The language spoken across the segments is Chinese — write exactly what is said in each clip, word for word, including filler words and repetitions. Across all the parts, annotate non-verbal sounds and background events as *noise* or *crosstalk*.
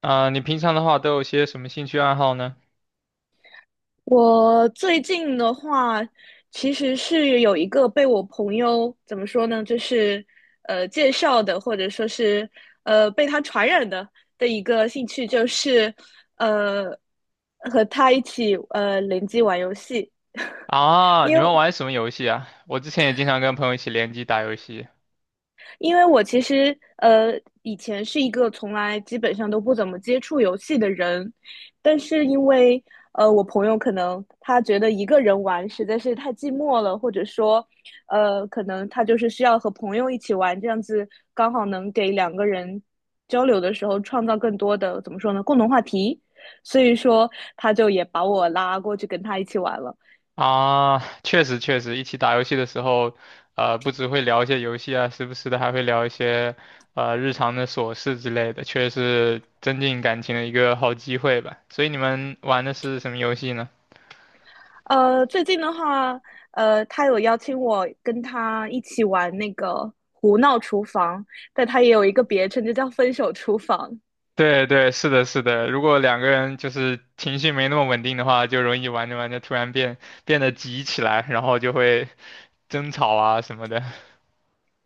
啊、你平常的话都有些什么兴趣爱好呢？我最近的话，其实是有一个被我朋友怎么说呢，就是呃介绍的，或者说是呃被他传染的的一个兴趣，就是呃和他一起呃联机玩游戏。啊，你们玩什么游戏啊？我之前也经常跟朋友一起联机打游戏因为我其实呃以前是一个从来基本上都不怎么接触游戏的人，但是因为呃我朋友可能他觉得一个人玩实在是太寂寞了，或者说呃可能他就是需要和朋友一起玩，这样子刚好能给两个人交流的时候创造更多的怎么说呢共同话题，所以说他就也把我拉过去跟他一起玩了。啊，确实确实，一起打游戏的时候，呃，不只会聊一些游戏啊，时不时的还会聊一些呃日常的琐事之类的，确实是增进感情的一个好机会吧。所以你们玩的是什么游戏呢？呃，最近的话，呃，他有邀请我跟他一起玩那个胡闹厨房，但他也有一个别称，就叫分手厨房。对对，是的，是的。如果两个人就是情绪没那么稳定的话，就容易玩着玩着突然变变得急起来，然后就会争吵啊什么的。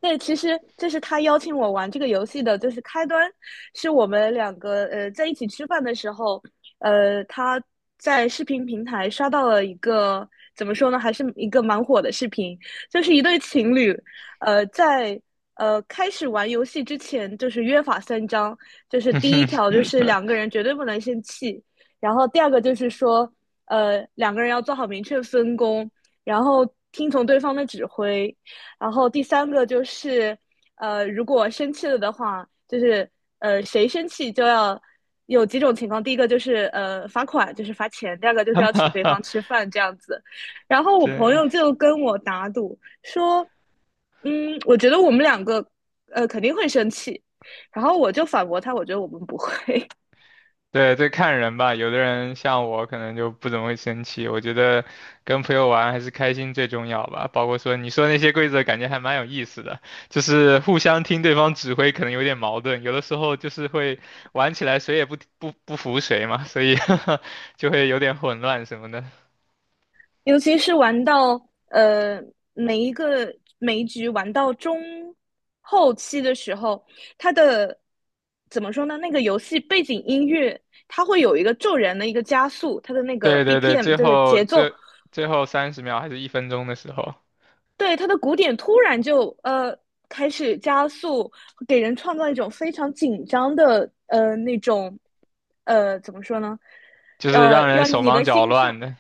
对，其实这是他邀请我玩这个游戏的，就是开端，是我们两个呃在一起吃饭的时候，呃，他在视频平台刷到了一个怎么说呢，还是一个蛮火的视频，就是一对情侣，呃，在呃开始玩游戏之前，就是约法三章，就是第一条就是两个 *laughs* 人绝对不能生气，然后第二个就是说，呃，两个人要做好明确分工，然后听从对方的指挥。然后第三个就是，呃，如果生气了的话，就是呃，谁生气就要有几种情况。第一个就是呃罚款，就是罚钱；第二个就是要请对方吃饭这样子。然后我朋对友就跟我打赌说，嗯，我觉得我们两个呃肯定会生气。然后我就反驳他，我觉得我们不会。对，对，看人吧，有的人像我可能就不怎么会生气。我觉得跟朋友玩还是开心最重要吧。包括说你说那些规则，感觉还蛮有意思的，就是互相听对方指挥，可能有点矛盾。有的时候就是会玩起来谁也不不不服谁嘛，所以 *laughs* 就会有点混乱什么的。尤其是玩到呃每一个每一局玩到中后期的时候，它的怎么说呢？那个游戏背景音乐它会有一个骤然的一个加速，它的那个 对对对，B P M 最这个后节奏，这最后三十秒还是一分钟的时候，对它的鼓点突然就呃开始加速，给人创造一种非常紧张的呃那种呃怎么说呢？就是呃，让人让手你忙的脚心乱跳的。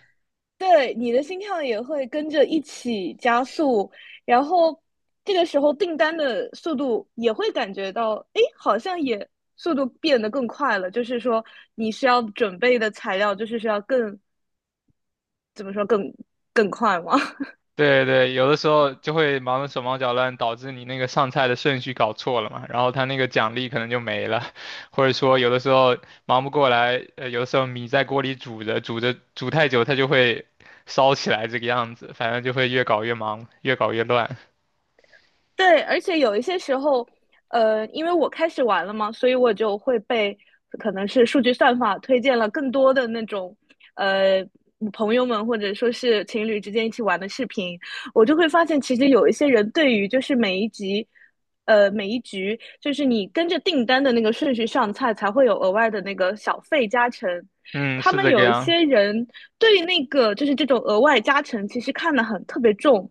对，你的心跳也会跟着一起加速，然后这个时候订单的速度也会感觉到，诶，好像也速度变得更快了。就是说，你需要准备的材料，就是需要更，怎么说，更更快吗？对对，有的时候就会忙得手忙脚乱，导致你那个上菜的顺序搞错了嘛，然后他那个奖励可能就没了，*laughs* 或者说有的时候忙不过来，呃，有的时候米在锅里煮着煮着煮太久，它就会烧起来这个样子，反正就会越搞越忙，越搞越乱。对，而且有一些时候，呃，因为我开始玩了嘛，所以我就会被可能是数据算法推荐了更多的那种，呃，朋友们或者说是情侣之间一起玩的视频，我就会发现其实有一些人对于就是每一集。呃，每一局就是你跟着订单的那个顺序上菜，才会有额外的那个小费加成。嗯，他是们这个有一样。些人对那个就是这种额外加成，其实看得很特别重，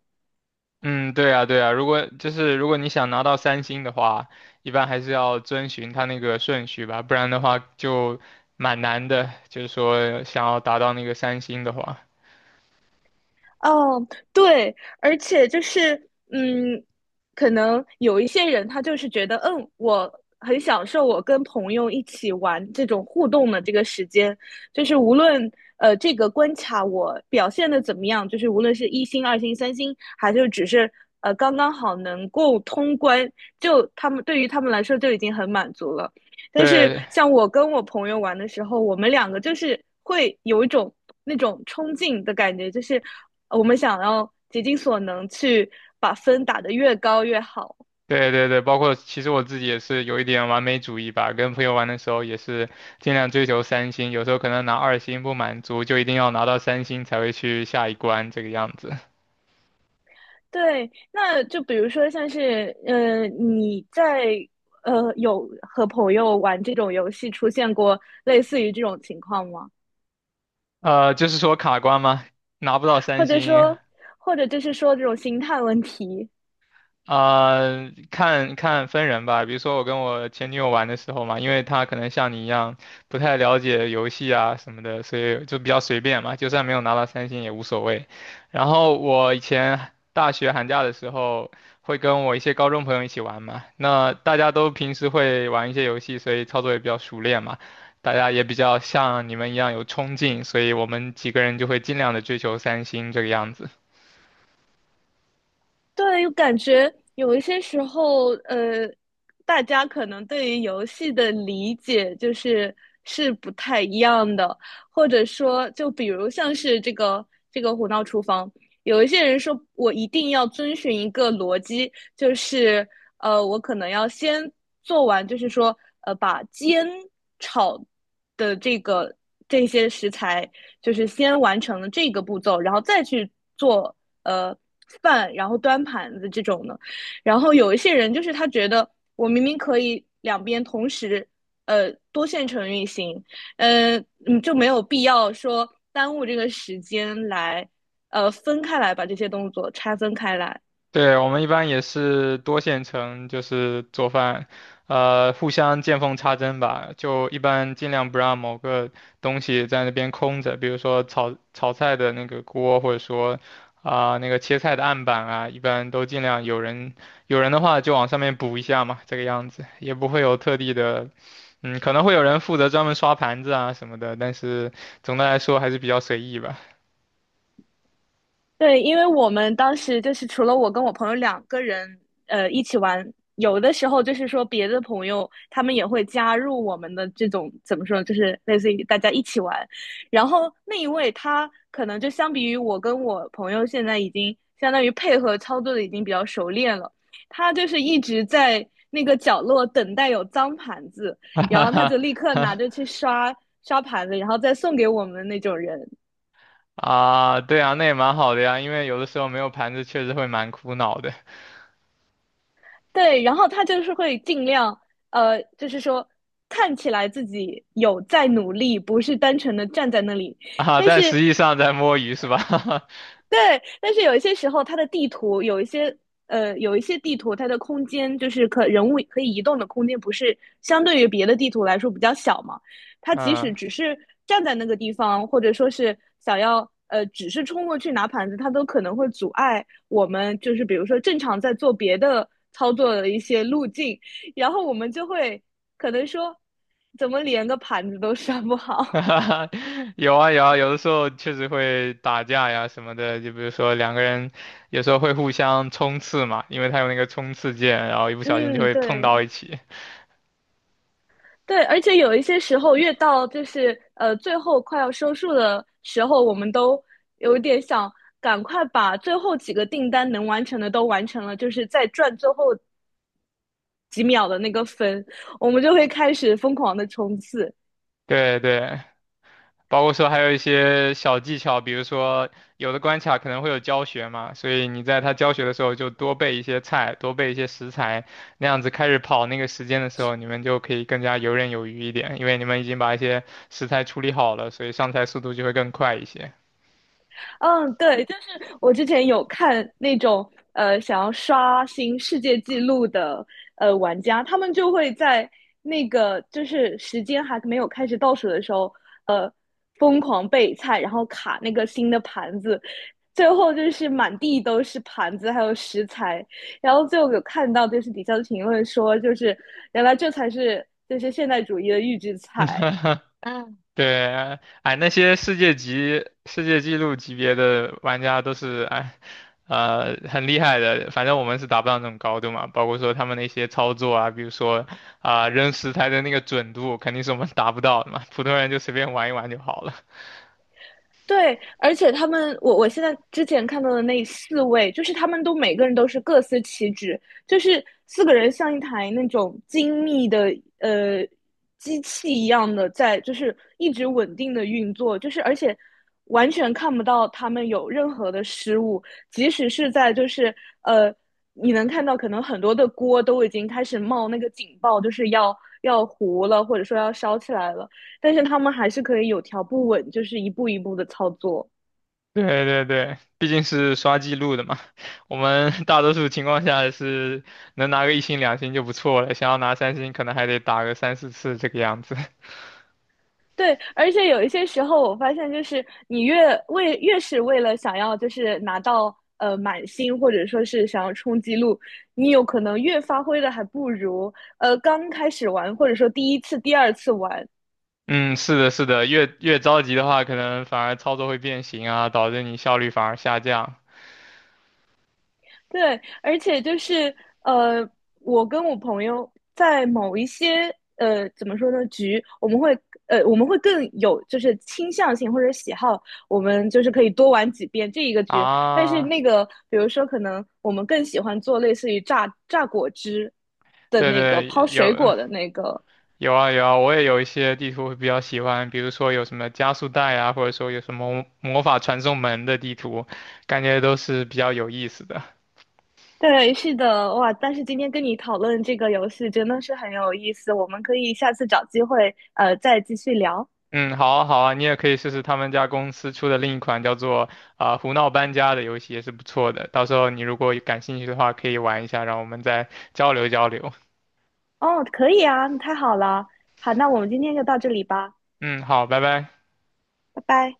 嗯，对啊，对啊，如果就是如果你想拿到三星的话，一般还是要遵循它那个顺序吧，不然的话就蛮难的，就是说想要达到那个三星的话。哦，对，而且就是，嗯，可能有一些人他就是觉得，嗯，我很享受我跟朋友一起玩这种互动的这个时间，就是无论呃这个关卡我表现的怎么样，就是无论是一星、二星、三星，还是只是呃刚刚好能够通关，就他们对于他们来说就已经很满足了。但是对像我跟我朋友玩的时候，我们两个就是会有一种那种冲劲的感觉，就是呃我们想要竭尽所能去把分打得越高越好。对对对，包括其实我自己也是有一点完美主义吧，跟朋友玩的时候也是尽量追求三星，有时候可能拿二星不满足，就一定要拿到三星才会去下一关这个样子。对，那就比如说像是，呃，你在呃有和朋友玩这种游戏出现过类似于这种情况吗？呃，就是说卡关吗？拿不到三或者星，说，或者就是说这种心态问题，啊、看看分人吧。比如说我跟我前女友玩的时候嘛，因为她可能像你一样不太了解游戏啊什么的，所以就比较随便嘛，就算没有拿到三星也无所谓。然后我以前大学寒假的时候会跟我一些高中朋友一起玩嘛，那大家都平时会玩一些游戏，所以操作也比较熟练嘛。大家也比较像你们一样有冲劲，所以我们几个人就会尽量的追求三星这个样子。对，感觉有一些时候，呃，大家可能对于游戏的理解就是是不太一样的，或者说，就比如像是这个这个《胡闹厨房》，有一些人说我一定要遵循一个逻辑，就是呃，我可能要先做完，就是说呃，把煎炒的这个这些食材就是先完成了这个步骤，然后再去做呃饭，然后端盘子这种的。然后有一些人就是他觉得我明明可以两边同时呃多线程运行，呃嗯就没有必要说耽误这个时间来呃分开来把这些动作拆分开来。对，我们一般也是多线程，就是做饭，呃，互相见缝插针吧。就一般尽量不让某个东西在那边空着，比如说炒炒菜的那个锅，或者说啊、那个切菜的案板啊，一般都尽量有人有人的话就往上面补一下嘛，这个样子也不会有特地的，嗯，可能会有人负责专门刷盘子啊什么的，但是总的来说还是比较随意吧。对，因为我们当时就是除了我跟我朋友两个人，呃，一起玩，有的时候就是说别的朋友他们也会加入我们的这种怎么说，就是类似于大家一起玩。然后那一位他可能就相比于我跟我朋友现在已经相当于配合操作的已经比较熟练了，他就是一直在那个角落等待有脏盘子，*laughs* 然哈后他哈就立刻拿着去刷刷盘子，然后再送给我们的那种人。啊，对啊，那也蛮好的呀，因为有的时候没有盘子确实会蛮苦恼的对，然后他就是会尽量，呃，就是说看起来自己有在努力，不是单纯的站在那里。啊，但但是实际上在摸鱼是吧？对，但是有一些时候，它的地图有一些呃，有一些地图它的空间就是可人物可以移动的空间，不是相对于别的地图来说比较小嘛？*laughs* 它即使嗯，只是站在那个地方，或者说是想要呃，只是冲过去拿盘子，它都可能会阻碍我们，就是比如说正常在做别的操作的一些路径，然后我们就会可能说，怎么连个盘子都刷不好？*laughs* 有啊有啊，有的时候确实会打架呀什么的，就比如说两个人有时候会互相冲刺嘛，因为他有那个冲刺键，然后一不 *laughs* 小心就嗯，会碰到对。一起。对，而且有一些时候，越到就是呃最后快要收束的时候，我们都有点想赶快把最后几个订单能完成的都完成了，就是再赚最后几秒的那个分，我们就会开始疯狂的冲刺。对对，包括说还有一些小技巧，比如说有的关卡可能会有教学嘛，所以你在他教学的时候就多备一些菜，多备一些食材，那样子开始跑那个时间的时候，你们就可以更加游刃有余一点，因为你们已经把一些食材处理好了，所以上菜速度就会更快一些。嗯，对，就是我之前有看那种呃想要刷新世界纪录的呃玩家，他们就会在那个就是时间还没有开始倒数的时候，呃，疯狂备菜，然后卡那个新的盘子，最后就是满地都是盘子还有食材，然后最后有看到就是底下的评论说，就是原来这才是就是现代主义的预制菜。*laughs* 对，哎，那些世界级、世界纪录级别的玩家都是哎，呃，很厉害的。反正我们是达不到那种高度嘛，包括说他们那些操作啊，比如说啊、扔石材的那个准度，肯定是我们 *laughs* 达不到的嘛。普通人就随便玩一玩就好了。*laughs* 对，而且他们，我我现在之前看到的那四位，就是他们都每个人都是各司其职，就是四个人像一台那种精密的呃机器一样的在，就是一直稳定的运作，就是而且完全看不到他们有任何的失误，即使是在就是呃，你能看到可能很多的锅都已经开始冒那个警报，就是要要糊了，或者说要烧起来了。但是他们还是可以有条不紊，就是一步一步的操作。对对对，毕竟是刷记录的嘛。我们大多数情况下是能拿个一星两星就不错了，想要拿三星可能还得打个三四次这个样子。对，而且有一些时候，我发现就是你越为越是为了想要就是拿到呃满星，或者说是想要冲击录，你有可能越发挥的还不如呃刚开始玩，或者说第一次、第二次玩，嗯，是的，是的，越越着急的话，可能反而操作会变形啊，导致你效率反而下降对，而且就是呃，我跟我朋友在某一些呃怎么说呢局，我们会呃我们会更有就是倾向性或者喜好，我们就是可以多玩几遍这一个局。但是啊。那个比如说可能我们更喜欢做类似于榨榨果汁的对那个对，抛水有果的那个。有啊有啊，我也有一些地图会比较喜欢，比如说有什么加速带啊，或者说有什么魔法传送门的地图，感觉都是比较有意思的。对，是的，哇！但是今天跟你讨论这个游戏真的是很有意思，我们可以下次找机会呃再继续聊。嗯，好啊好啊，你也可以试试他们家公司出的另一款叫做啊、胡闹搬家的游戏，也是不错的。到时候你如果感兴趣的话，可以玩一下，让我们再交流交流。哦，可以啊，那太好了。好，那我们今天就到这里吧，嗯，好，拜拜。拜拜。